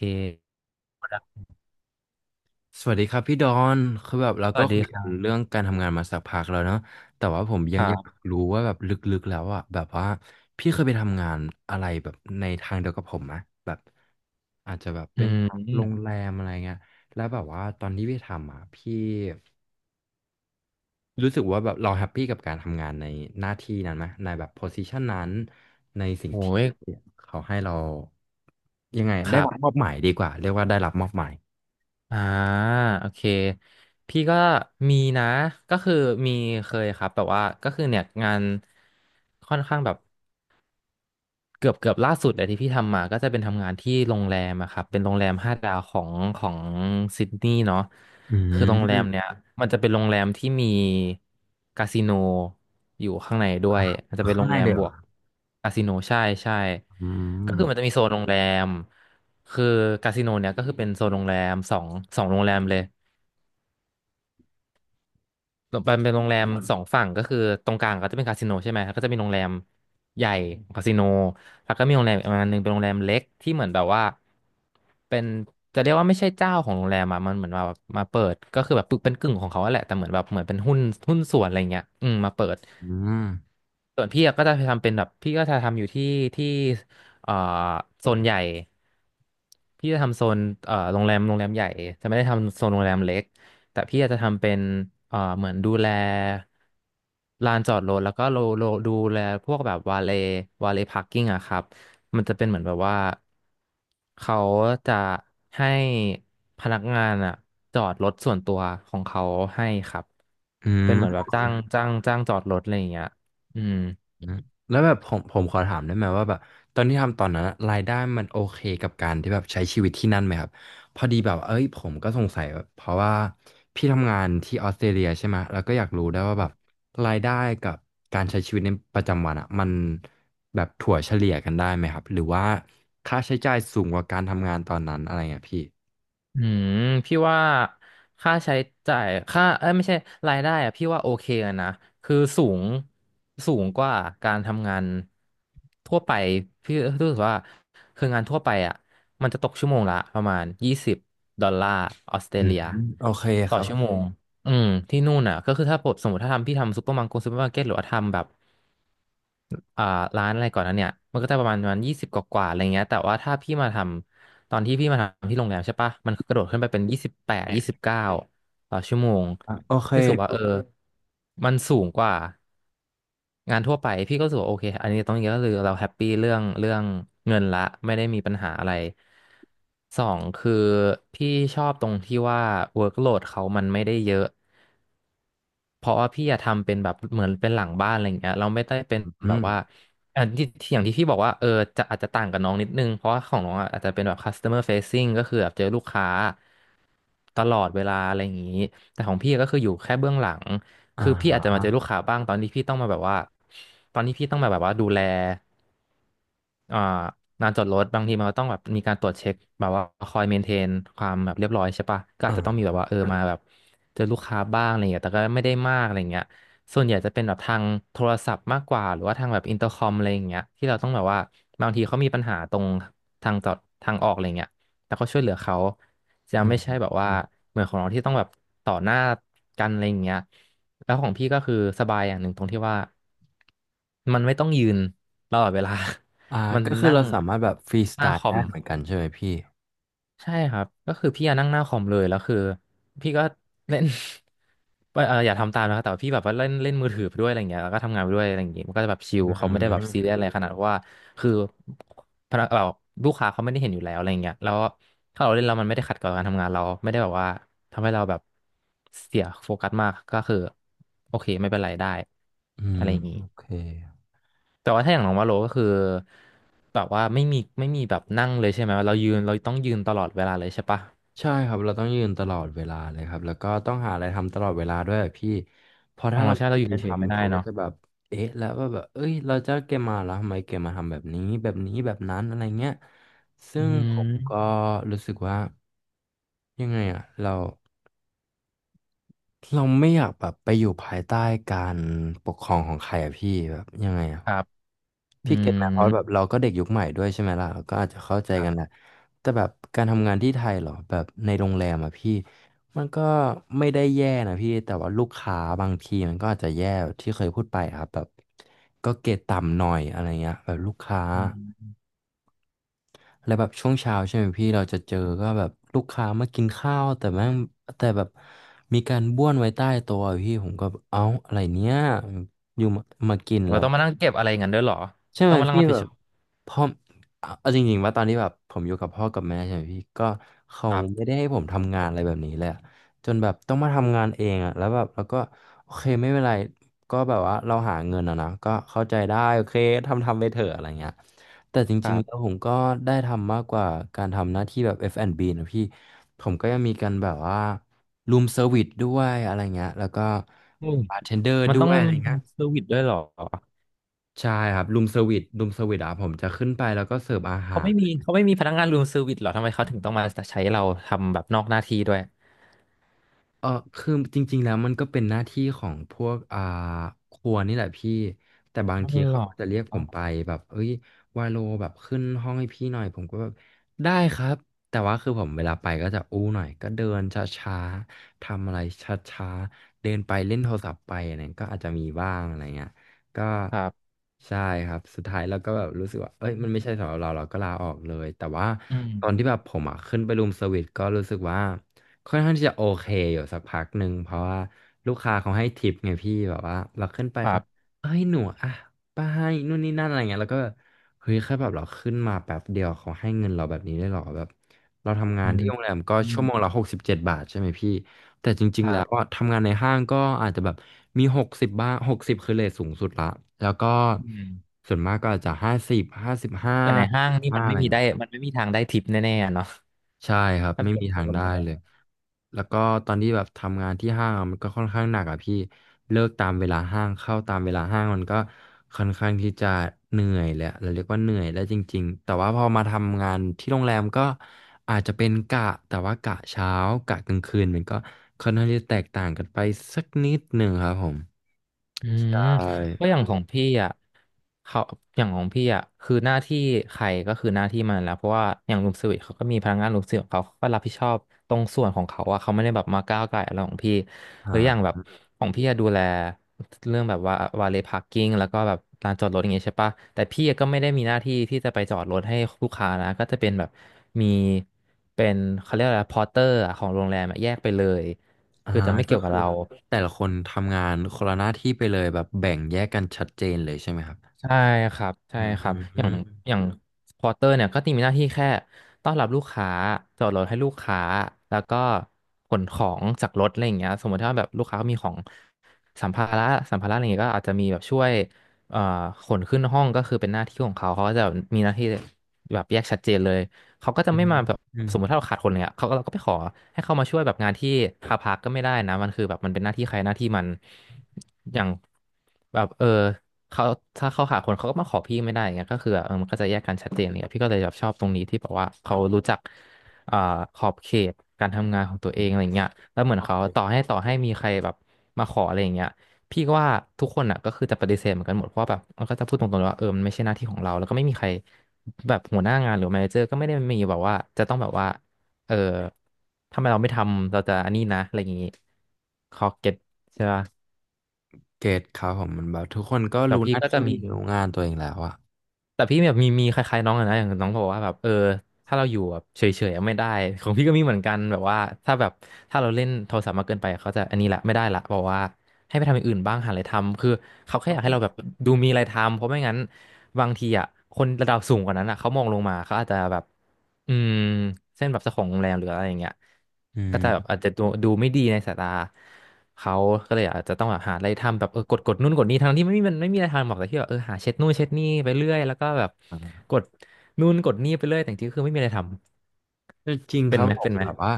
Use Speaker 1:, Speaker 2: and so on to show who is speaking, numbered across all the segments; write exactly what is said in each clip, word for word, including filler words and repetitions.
Speaker 1: เค
Speaker 2: สวัสดีครับพี่ดอนคือแบบเรา
Speaker 1: ส
Speaker 2: ก็
Speaker 1: วัสดี
Speaker 2: คุย
Speaker 1: ค
Speaker 2: กั
Speaker 1: รั
Speaker 2: น
Speaker 1: บ
Speaker 2: เรื่องการทำงานมาสักพักแล้วเนาะแต่ว่าผมยั
Speaker 1: ค
Speaker 2: ง
Speaker 1: รั
Speaker 2: อยาก
Speaker 1: บ
Speaker 2: รู้ว่าแบบลึกๆแล้วอะแบบว่าพี่เคยไปทำงานอะไรแบบในทางเดียวกับผมไหมแบบอาจจะแบบ
Speaker 1: อื
Speaker 2: เป็นโรง
Speaker 1: ม
Speaker 2: แรมอะไรเงี้ยแล้วแบบว่าตอนที่พี่ทำอะพี่รู้สึกว่าแบบเราแฮปปี้กับการทำงานในหน้าที่นั้นไหมในแบบโพซิชันนั้นในสิ่ง
Speaker 1: โอ้
Speaker 2: ที่
Speaker 1: ย
Speaker 2: เขาให้เรายังไง
Speaker 1: ค
Speaker 2: ได้
Speaker 1: รั
Speaker 2: รับมอ
Speaker 1: บ
Speaker 2: บหมายดีกว่าเรียกว่าได้รับมอบหมาย
Speaker 1: อ่าโอเค พี่ก็มีนะก็คือมีเคยครับแบบว่าก็คือเนี่ยงานค่อนข้างแบบ เกือบเกือบล่าสุดเลยที่พี่ทำมาก็จะเป็นทำงานที่โรงแรมอะครับเป็นโรงแรมห้าดาวของของซิดนีย์เนาะ
Speaker 2: อื
Speaker 1: คือโรงแรมเนี่
Speaker 2: ม
Speaker 1: ยมันจะเป็นโรงแรมที่มีคาสิโนอยู่ข้างในด้วยมันจะเป็นโร
Speaker 2: ข้าง
Speaker 1: ง
Speaker 2: ใน
Speaker 1: แรม
Speaker 2: เลยเห
Speaker 1: บ
Speaker 2: รอ
Speaker 1: วกคาสิโนใช่ใช่
Speaker 2: อื
Speaker 1: ก็
Speaker 2: ม
Speaker 1: คือมันจะมีโซนโรงแรมคือคาสิโนเนี่ยก็คือเป็นโซนโรงแรมสองสองโรงแรมเลย มันเป็นโรงแรมสองฝั่งก็คือตรงกลางก็จะเป็นคาสิโนใช่ไหมแล้วก็จะมีโรงแรมใหญ่คาสิโนแล้วก็มีโรงแรมอีกประมาณหนึ่งเป็นโรงแรมเล็กที่เหมือนแบบว่าเป็นจะเรียกว่าไม่ใช่เจ้าของโรงแรมอะมันเหมือนมามาเปิดก็คือแบบเป็นกึ่งของเขาอะแหละแต่เหมือนแบบเหมือนเป็นหุ้นหุ้นส่วนอะไรเงี้ยอืมมาเปิด
Speaker 2: อืม
Speaker 1: ส่วนพี่อะก็จะทำเป็นแบบพี่ก็จะทำอยู่ที่ที่เอ่อโซนใหญ่พี่จะทำโซนเอ่อโรงแรมโรงแรมใหญ่จะไม่ได้ทำโซนโรงแรมเล็กแต่พี่อาจจะทำเป็นเอ่อเหมือนดูแลลานจอดรถแล้วก็โลโลดูแลพวกแบบวาเลวาเลพาร์กิ้งอะครับมันจะเป็นเหมือนแบบว่าเขาจะให้พนักงานอะจอดรถส่วนตัวของเขาให้ครับ
Speaker 2: อื
Speaker 1: เป็น
Speaker 2: ม
Speaker 1: เหมือนแบบจ้างจ้างจ้างจอดรถอะไรอย่างเงี้ยอืม
Speaker 2: อืมแล้วแบบผมผมขอถามได้ไหมว่าแบบตอนที่ทำตอนนั้นอะรายได้มันโอเคกับการที่แบบใช้ชีวิตที่นั่นไหมครับพอดีแบบเอ้ยผมก็สงสัยแบบเพราะว่าพี่ทำงานที่ออสเตรเลียใช่ไหมแล้วก็อยากรู้ได้วยว่าแบบรายได้กับการใช้ชีวิตในประจำวันอ่ะมันแบบถั่วเฉลี่ยกันได้ไหมครับหรือว่าค่าใช้จ่ายสูงกว่าการทำงานตอนนั้นอะไรเงี้ยพี่
Speaker 1: อืมพี่ว่าค่าใช้จ่ายค่าเอ้ยไม่ใช่รายได้อะพี่ว่าโอเคอะนะคือสูงสูงกว่าการทำงานทั่วไปพี่รู้สึกว่าคืองานทั่วไปอ่ะมันจะตกชั่วโมงละประมาณยี่สิบดอลลาร์ออสเตร
Speaker 2: อืม
Speaker 1: เลีย
Speaker 2: โอเคค
Speaker 1: ต่อ
Speaker 2: รับ
Speaker 1: ชั่วเโมงอืมที่นู่นอ่ะก็คือถ้าผมสมมติถ้าทำพี่ทำซูเปอร์มาร์เก็ตซูเปอร์มาร์เก็ตหรือว่าทำแบบ อ่าร้านอะไรก่อนนั้นเนี่ยมันก็จะประมาณประมาณยี่สิบกว่าๆอะไรเงี้ยแต่ว่าถ้าพี่มาทำตอนที่พี่มาทำที่โรงแรมใช่ปะมันกระโดดขึ้นไปเป็นยี่สิบแปดยี่สิบเก้าต่อชั่วโมง
Speaker 2: โอเค
Speaker 1: พี่รู้สึกว่าเออมันสูงกว่างานทั่วไปพี่ก็รู้สึกว่าโอเคอันนี้ตรงอย่างนี้ก็คือเราแฮปปี้เรื่องเรื่องเงินละไม่ได้มีปัญหาอะไรสองคือพี่ชอบตรงที่ว่า workload เขามันไม่ได้เยอะ เพราะว่าพี่อะทำเป็นแบบเหมือนเป็นหลังบ้านอะไรอย่างเงี้ยเราไม่ได้เป็นแบ
Speaker 2: อื
Speaker 1: บว่า
Speaker 2: ม
Speaker 1: อันที่ที่อย่างที่พี่บอกว่าเออจะอาจจะต่างกับน้องนิดนึงเพราะว่าของน้องอะอาจจะเป็นแบบ customer facing ก็คือแบบเจอลูกค้าตลอดเวลาอะไรอย่างงี้แต่ของพี่ก็คืออยู่แค่เบื้องหลัง
Speaker 2: อ่า
Speaker 1: คือพี่อาจจะมาเจอลูกค้าบ้างตอนที่พี่ต้องมาแบบว่าตอนที่พี่ต้องมาแบบว่าดูแลอ่างานจอดรถบางทีมันก็ต้องแบบมีการตรวจเช็คแบบว่าคอยเมนเทนความแบบเรียบร้อยใช่ปะก็อา
Speaker 2: อ่
Speaker 1: จจะต้องมีแบ
Speaker 2: า
Speaker 1: บว่าเออมาแบบ เจอลูกค้าบ้างอะไรเงี้ยแต่ก็ไม่ได้มากอะไรเงี้ยส่วนใหญ่จะเป็นแบบทางโทรศัพท์มากกว่าหรือว่าทางแบบอินเตอร์คอมอะไรอย่างเงี้ยที่เราต้องแบบว่าบางทีเขามีปัญหาตรงทางจอดทางออกอะไรเงี้ยแล้วก็ช่วยเหลือเขาจะ
Speaker 2: อื
Speaker 1: ไม่
Speaker 2: ม
Speaker 1: ใช่แบบว่า
Speaker 2: อืม
Speaker 1: เหมือนของเราที่ต้องแบบต่อหน้ากันอะไรอย่างเงี้ยแล้วของพี่ก็คือสบายอย่างหนึ่งตรงที่ว่ามันไม่ต้องยืนตลอดเวลา
Speaker 2: อ่า
Speaker 1: มัน
Speaker 2: ก็คือ
Speaker 1: นั่ง
Speaker 2: เราสามารถแบบฟรีส
Speaker 1: ห
Speaker 2: ไต
Speaker 1: น้าค
Speaker 2: ล์
Speaker 1: อ
Speaker 2: ได้
Speaker 1: ม
Speaker 2: เหมือนกันใช่ไหมพี่
Speaker 1: ใช่ครับก็คือพี่อะนั่งหน้าคอมเลยแล้วคือพี่ก็เล่น ว่าเอออย่าทำตามนะครับแต่ว่าพี่แบบว่าเล่นเล่นมือถือไปด้วยอะไรเงี้ยแล้วก็ทำงานไปด้วยอะไรอย่างเงี้ยมันก็จะแบบชิล
Speaker 2: อื
Speaker 1: เขาไม่ได้แบบซีเรีย
Speaker 2: ม
Speaker 1: สอะไรขนาดว่าคือพนักแบบลูกค้าเขาไม่ได้เห็นอยู่แล้วอะไรเงี้ยแล้วถ้าเราเล่นแล้วมันไม่ได้ขัดกับการทำงานเราไม่ได้แบบว่าทำให้เราแบบเสียโฟกัสมากก็คือโอเคไม่เป็นไรได้
Speaker 2: อื
Speaker 1: อะ
Speaker 2: ม
Speaker 1: ไรอย่างงี้
Speaker 2: โอเค
Speaker 1: แต่ว่าถ้าอย่างน้องว่าโลก็คือแบบว่าไม่มีไม่มีแบบนั่งเลยใช่ไหมเรายืนเราต้องยืนตลอดเวลาเลยใช่ปะ
Speaker 2: ใช่ครับเราต้องยืนตลอดเวลาเลยครับแล้วก็ต้องหาอะไรทำตลอดเวลาด้วยอะพี่เพอ
Speaker 1: อ๋อ
Speaker 2: ถ้าเรา
Speaker 1: ใช่
Speaker 2: ไม่
Speaker 1: เรา
Speaker 2: มี
Speaker 1: อ
Speaker 2: อะ
Speaker 1: ยู่
Speaker 2: ไร
Speaker 1: เฉยๆไม่
Speaker 2: ทำ
Speaker 1: ได้
Speaker 2: เขาก็
Speaker 1: เนาะ
Speaker 2: จะแบบเอ๊ะแล้วว่าแบบเอ้ยเราจะเกมมาแล้วทำไมเกมมาทำแบบนี้แบบนี้แบบนั้นอะไรเงี้ยซึ่
Speaker 1: อื
Speaker 2: งผมก็
Speaker 1: ม
Speaker 2: รู้สึกว่ายังไงอะเราเราไม่อยากแบบไปอยู่ภายใต้การปกครองของใครอะพี่แบบยังไงอะ
Speaker 1: ครับอื
Speaker 2: พี่เก็ตไหมเพราะ
Speaker 1: ม
Speaker 2: แบบเราก็เด็กยุคใหม่ด้วยใช่ไหมล่ะเราก็อาจจะเข้าใจ
Speaker 1: ครั
Speaker 2: กันแหละ
Speaker 1: บ
Speaker 2: แต่แบบการทำงานที่ไทยเหรอแบบในโรงแรมอะพี่มันก็ไม่ได้แย่นะพี่แต่ว่าลูกค้าบางทีมันก็อาจจะแย่ที่เคยพูดไปครับแบบก็เกรดต่ำหน่อยอะไรเงี้ยแบบลูกค้า
Speaker 1: อืม
Speaker 2: แล้วแบบช่วงเช้าใช่ไหมพี่เราจะเจอก็แบบลูกค้ามากินข้าวแต่แม่งแต่แบบมีการบ้วนไว้ใต้โต๊ะอะพี่ผมก็เอ้าอะไรเนี้ยอยู่มามากิน
Speaker 1: เรา
Speaker 2: แล้ว
Speaker 1: ต้องมานั่งเก็บอะไรอย่างนั้นด้วยเหรอ
Speaker 2: ใช่ไห
Speaker 1: ต้อ
Speaker 2: ม
Speaker 1: งมานั่ง
Speaker 2: พี่
Speaker 1: รับผิ
Speaker 2: แบ
Speaker 1: ดช
Speaker 2: บ
Speaker 1: อบ
Speaker 2: พ่อเอาเอาจริงๆว่าตอนที่แบบผมอยู่กับพ่อกับแม่ใช่ไหมพี่ก็เขา
Speaker 1: ครั
Speaker 2: ไม่
Speaker 1: บ
Speaker 2: ได้ให้ผมทำงานอะไรแบบนี้เลยอะจนแบบต้องมาทำงานเองอะแล้วแบบแล้วก็โอเคไม่เป็นไรก็แบบว่าเราหาเงินอะนะก็เข้าใจได้โอเคทำทำไปเถอะอะไรเงี้ยแต่จ
Speaker 1: ค
Speaker 2: ริง
Speaker 1: รั
Speaker 2: ๆแล้ว
Speaker 1: บ
Speaker 2: ผมก็ได้ทำมากกว่าการทำหน้าที่แบบ เอฟ แอนด์ บี นด์บีนะพี่ผมก็ยังมีการแบบว่ารูมเซอร์วิสด้วยอะไรเงี้ยแล้วก็
Speaker 1: อืม
Speaker 2: บาร์เทนเดอร์
Speaker 1: มัน
Speaker 2: ด้
Speaker 1: ต้อ
Speaker 2: ว
Speaker 1: ง
Speaker 2: ยอะไร
Speaker 1: มีรู
Speaker 2: เงี้ย
Speaker 1: มเซอร์วิสด้วยเหรอ
Speaker 2: ใช่ครับรูมเซอร์วิสรูมเซอร์วิสอ่ะผมจะขึ้นไปแล้วก็เสิร์ฟอา
Speaker 1: เขา
Speaker 2: หา
Speaker 1: ไม่
Speaker 2: ร
Speaker 1: มีเขาไม่มีพนักงานรูมเซอร์วิสเหรอทำไมเขาถึงต้องมาใช้เราทำแบบนอกหน้าที่ด้วย
Speaker 2: เออคือจริงๆแล้วมันก็เป็นหน้าที่ของพวกอ่าครัวนี่แหละพี่แต่บาง
Speaker 1: อ๋อ
Speaker 2: ที
Speaker 1: เหร
Speaker 2: เขา
Speaker 1: อ
Speaker 2: ก็จะเรียกผมไปแบบเอ้ยวาโลแบบขึ้นห้องให้พี่หน่อยผมก็แบบได้ครับแต่ว่าคือผมเวลาไปก็จะอู้หน่อยก็เดินช้าๆทำอะไรช้าๆเดินไปเล่นโทรศัพท์ไปอะไรก็อาจจะมีบ้างอะไรเงี้ยก็
Speaker 1: ครับ
Speaker 2: ใช่ครับสุดท้ายเราก็แบบรู้สึกว่าเอ้ยมันไม่ใช่สำหรับเราเราก็ลาออกเลยแต่ว่า
Speaker 1: อืม
Speaker 2: ตอนที่แบบผมอ่ะขึ้นไปรูมเซอร์วิสก็รู้สึกว่า ค่อนข้างที่จะโอเคอยู่สักพักหนึ่งเพราะว่าลูกค้าเขาให้ทิปไงพี่แบบว่าเราขึ้นไป
Speaker 1: ครั
Speaker 2: เขา
Speaker 1: บ
Speaker 2: เอ้ยหนูอ่ะป้าให้นู่นนี่นั่นอะไรเงี้ยแล้วก็แบบเฮ้ยแค่แบบเราขึ้นมาแป๊บเดียวเขาให้เงินเราแบบนี้ได้หรอแบบเราทำงา
Speaker 1: อื
Speaker 2: น
Speaker 1: ม
Speaker 2: ที่โรงแรมก็
Speaker 1: อืม
Speaker 2: ชั่วโมงละหกสิบเจ็ดบาทใช่ไหมพี่แต่จริ
Speaker 1: ค
Speaker 2: งๆ
Speaker 1: รั
Speaker 2: แล้วอ่ะ
Speaker 1: บ
Speaker 2: ทำงานในห้างก็อาจจะแบบมีหกสิบบ้างหกสิบคือเรทสูงสุดละแล้วก็
Speaker 1: อืม
Speaker 2: ส่วนมากก็อาจจะห้าสิบห้าสิบห้า
Speaker 1: แต่ในห้างนี่
Speaker 2: ห้า
Speaker 1: มัน
Speaker 2: อะ
Speaker 1: ไม่
Speaker 2: ไร
Speaker 1: มีได้
Speaker 2: เงี้ย
Speaker 1: มันไม่มีทางได้ทิปแน่ๆอะเนาะ
Speaker 2: ใช่ครับ
Speaker 1: ถ้า
Speaker 2: ไม่
Speaker 1: เปรีย
Speaker 2: มี
Speaker 1: บเทีย
Speaker 2: ทา
Speaker 1: บ
Speaker 2: ง
Speaker 1: กับ
Speaker 2: ได้
Speaker 1: โรงแร
Speaker 2: เล
Speaker 1: ม
Speaker 2: ยแล้วก็ตอนที่แบบทำงานที่ห้างอะมันก็ค่อนข้างหนักอ่ะพี่เลิกตามเวลาห้างเข้าตามเวลาห้างมันก็ค่อนข้างที่จะเหนื่อยแหละเราเรียกว่าเหนื่อยได้จริงๆแต่ว่าพอมาทำงานที่โรงแรมก็อาจจะเป็นกะแต่ว่ากะเช้ากะกลางคืนมันก็ค่อนข้างที่จะแตกต่างกันไปสักนิดหนึ่งครับผม
Speaker 1: อืม
Speaker 2: ใช่
Speaker 1: เพราะอย่างของพี่อ่ะเขาอย่างของพี่อ่ะคือหน้าที่ใครก็คือหน้าที่มันแล้วเพราะว่าอย่างรูมเซอร์วิสเขาก็มีพนักงานรูมเซอร์วิสของเขาเขาก็รับผิดชอบตรงส่วนของเขาอ่ะเขาไม่ได้แบบมาก้าวไก่อะไรของพี่
Speaker 2: อ่
Speaker 1: หรืออย่างแบบ
Speaker 2: า
Speaker 1: ของพี่อะดูแลเรื่องแบบว่าวาเลพาร์กิ้งแล้วก็แบบลานจอดรถอย่างเงี้ยใช่ปะแต่พี่ก็ไม่ได้มีหน้าที่ที่จะไปจอดรถให้ลูกค้านะก็จะเป็นแบบมีเป็นเขาเรียกอะไรพอร์เตอร์ของโรงแรมอะแยกไปเลย
Speaker 2: อ่า
Speaker 1: คือจะไม่
Speaker 2: ก็
Speaker 1: เกี่ยวกับ
Speaker 2: คือ
Speaker 1: เรา
Speaker 2: แต่ละคนทำงานคนละหน้าที่ไปเลยแบบแบ่งแยกกันชัดเจนเลยใช่ไหมครับ
Speaker 1: ใช่ครับใช่
Speaker 2: อื
Speaker 1: ครับอย่าง
Speaker 2: ม
Speaker 1: อย่างพอเตอร์เนี่ยก็จะมีหน้าที่แค่ต้อนรับลูกค้าจอดรถให้ลูกค้าแล้วก็ขนของจากรถอะไรอย่างเงี้ยสมมติถ้าแบบลูกค้ามีของสัมภาระสัมภาระอะไรอย่างเงี้ยก็อาจจะมีแบบช่วยเอ่อขนขึ้นห้องก็คือเป็นหน้าที่ของเขาเขาก็จะมีหน้าที่แบบแยกชัดเจนเลยเขาก็จะ
Speaker 2: อื
Speaker 1: ไม่
Speaker 2: ม
Speaker 1: มาแบบ
Speaker 2: อืม
Speaker 1: สมมติถ้าเราขาดคนเนี่ยเขาก็เราก็ไปขอให้เขามาช่วยแบบงานที่คาพักก็ไม่ได้นะมันคือแบบมันเป็นหน้าที่ใครหน้าที่มันอย่างแบบเออ เขาถ้าเขาหาคนเขาก็มาขอพี่ไม่ได้อย่างเงี้ยก็คือแบบเออมันก็จะแยกกันชัดเจนเลยอะพี่ก็เลยแบบชอบตรงนี้ที่แบบว่าเขารู้จักอ่าขอบเขตการทำงานของตัวเองอะไรเงี้ยแล้วเหมือนเขาต่อให้ต่อให้มีใครแบบมาขออะไรอย่างเงี้ยพี่ก็ว่าทุกคนอ่ะก็คือจะปฏิเสธเหมือนกันหมดเพราะว่าแบบมันก็จะพูดตรงๆเลยว่าเออมันไม่ใช่หน้าที่ของเราแล้วก็ไม่มีใครแบบหัวหน้างานหรือแมเนเจอร์ก็ไม่ได้มีแบบว่าจะต้องแบบว่าเออทำไมเราไม่ทำเราจะอันนี้นะอะไรอย่างงี้เขาเก็ตใช่ปะ
Speaker 2: เกตครับผมมันแบบทุกคนก็
Speaker 1: แต่
Speaker 2: รู้ห
Speaker 1: พี่
Speaker 2: น้า
Speaker 1: ก็จะ
Speaker 2: ที่
Speaker 1: มี
Speaker 2: รู้งานตัวเองแล้วอะ
Speaker 1: แต่พี่แบบมีมีคล้ายๆน้องอะนะอย่างน้องบอกว่าแบบเออถ้าเราอยู่แบบเฉยๆอะไม่ได้ของพี่ก็มีเหมือนกันแบบว่าถ้าแบบถ้าเราเล่นโทรศัพท์มากเกินไปเขาจะอันนี้ละไม่ไดว่าบอกว่าให้ไปทำอย่างอื่นบ้างหาอะไรทำคือเขาแค่
Speaker 2: โอ
Speaker 1: อยาก
Speaker 2: เค
Speaker 1: ให้เราแบบดูมีอะไรทำเพราะไม่งั้นบางทีอ่ะคนระดับสูงกว่านั้นอ่ะเขามองลงมาเขาอาจจะแบบ อืมเส้นแบบเจ้าของโรงแรมหรืออะไรอย่างเงี้ย
Speaker 2: อื
Speaker 1: ก็จะแบบ
Speaker 2: ม
Speaker 1: อาจจะดูดูไม่ดีในสายตาเขาก็เลยอาจจะต้องแบบหาอะไรทำแบบเออกดกดนู่นกดนี่ทั้งที่ไม่มีมันไม่มีอะไรทำหรอกแต่ที่แบบเออหาเช็ดนู่นเช็ดนี่ไปเรื่อยแล้วก็แบบ
Speaker 2: อ่า
Speaker 1: กดนู่นกดนี่ไปเรื่อยแต่จริงๆคือไม่มีอะไรทำ
Speaker 2: แต่จริงค
Speaker 1: เป็น
Speaker 2: รับ
Speaker 1: ไหม
Speaker 2: ผ
Speaker 1: เป็
Speaker 2: ม
Speaker 1: นไหม
Speaker 2: แบบว่า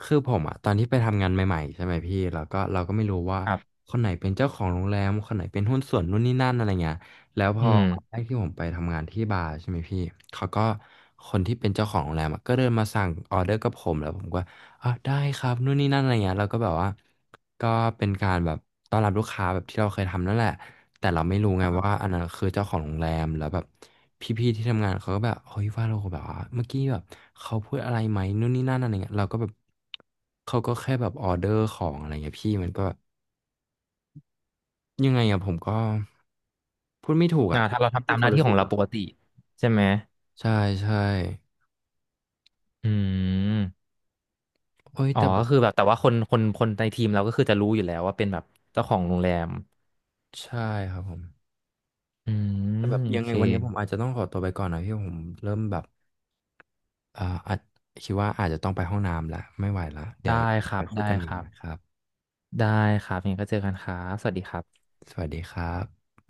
Speaker 2: คือผมอ่ะตอนที่ไปทำงานใหม่ๆใช่ไหมพี่แล้วก็เราก็ไม่รู้ว่า
Speaker 1: ครับ
Speaker 2: คนไหนเป็นเจ้าของโรงแรมคนไหนเป็นหุ้นส่วนนู่นนี่นั่นอะไรเงี้ยแล้วพ
Speaker 1: อื
Speaker 2: อ
Speaker 1: ม
Speaker 2: วันแรกที่ผมไปทำงานที่บาร์ใช่ไหมพี่เขาก็คนที่เป็นเจ้าของโรงแรมอะก็เดินมาสั่งออเดอร์กับผมแล้วผมก็ อ่ะได้ครับนู่นนี่นั่นอะไรเงี้ยเราก็แบบว่าก็เป็นการแบบต้อนรับลูกค้าแบบที่เราเคยทำนั่นแหละแต่เราไม่รู้ไง
Speaker 1: ครั
Speaker 2: ว่า
Speaker 1: บ
Speaker 2: อันนั้นคือเจ้าของโรงแรมแล้วแบบพี่ๆที่ทำงานเขาก็แบบเฮ้ยว่าเราแบบว่าเมื่อกี้แบบเขาพูดอะไรไหมนู่นนี่นั่นอะไรเงี้ยเราก็แบบเขาก็แค่แบบออเดอร์ของอะไรเงี้ยพี่มันก็ยังไงอะผมก็พูดไม่ถูก
Speaker 1: อ่า
Speaker 2: อะ
Speaker 1: ถ้าเราทำ
Speaker 2: คื
Speaker 1: ตา
Speaker 2: อ
Speaker 1: ม
Speaker 2: ค
Speaker 1: ห
Speaker 2: วาม
Speaker 1: น้าที่
Speaker 2: รู้
Speaker 1: ข
Speaker 2: สึ
Speaker 1: อง
Speaker 2: กเห
Speaker 1: เรา
Speaker 2: รอ
Speaker 1: ปกติใช่ไหม
Speaker 2: ใช่ใช่
Speaker 1: อืม
Speaker 2: โอ้ย
Speaker 1: อ๋อ
Speaker 2: แต่แบ
Speaker 1: ก็
Speaker 2: บ
Speaker 1: คือแบบแต่ว่าคนคนคนในทีมเราก็คือจะรู้อยู่แล้วว่าเป็นแบบเจ้าของโรงแรม
Speaker 2: ใช่ครับผม
Speaker 1: อื
Speaker 2: แต่แบ
Speaker 1: ม
Speaker 2: บ
Speaker 1: โอ
Speaker 2: ยังไง
Speaker 1: เค
Speaker 2: วันนี้ผมอาจจะต้องขอตัวไปก่อนนะพี่ผมเริ่มแบบ เอ่ออาจคิดว่าอาจจะต้องไปห้องน้ำละไม่ไหวละเดี๋ย
Speaker 1: ได้
Speaker 2: ว
Speaker 1: ค
Speaker 2: ไป
Speaker 1: รับ
Speaker 2: คุย
Speaker 1: ได้
Speaker 2: กันให
Speaker 1: ค
Speaker 2: ม่
Speaker 1: รับ
Speaker 2: นะครับ
Speaker 1: ได้ครับยังไงก็เจอกันครับสวัสดีครับ
Speaker 2: สวัสดีครับ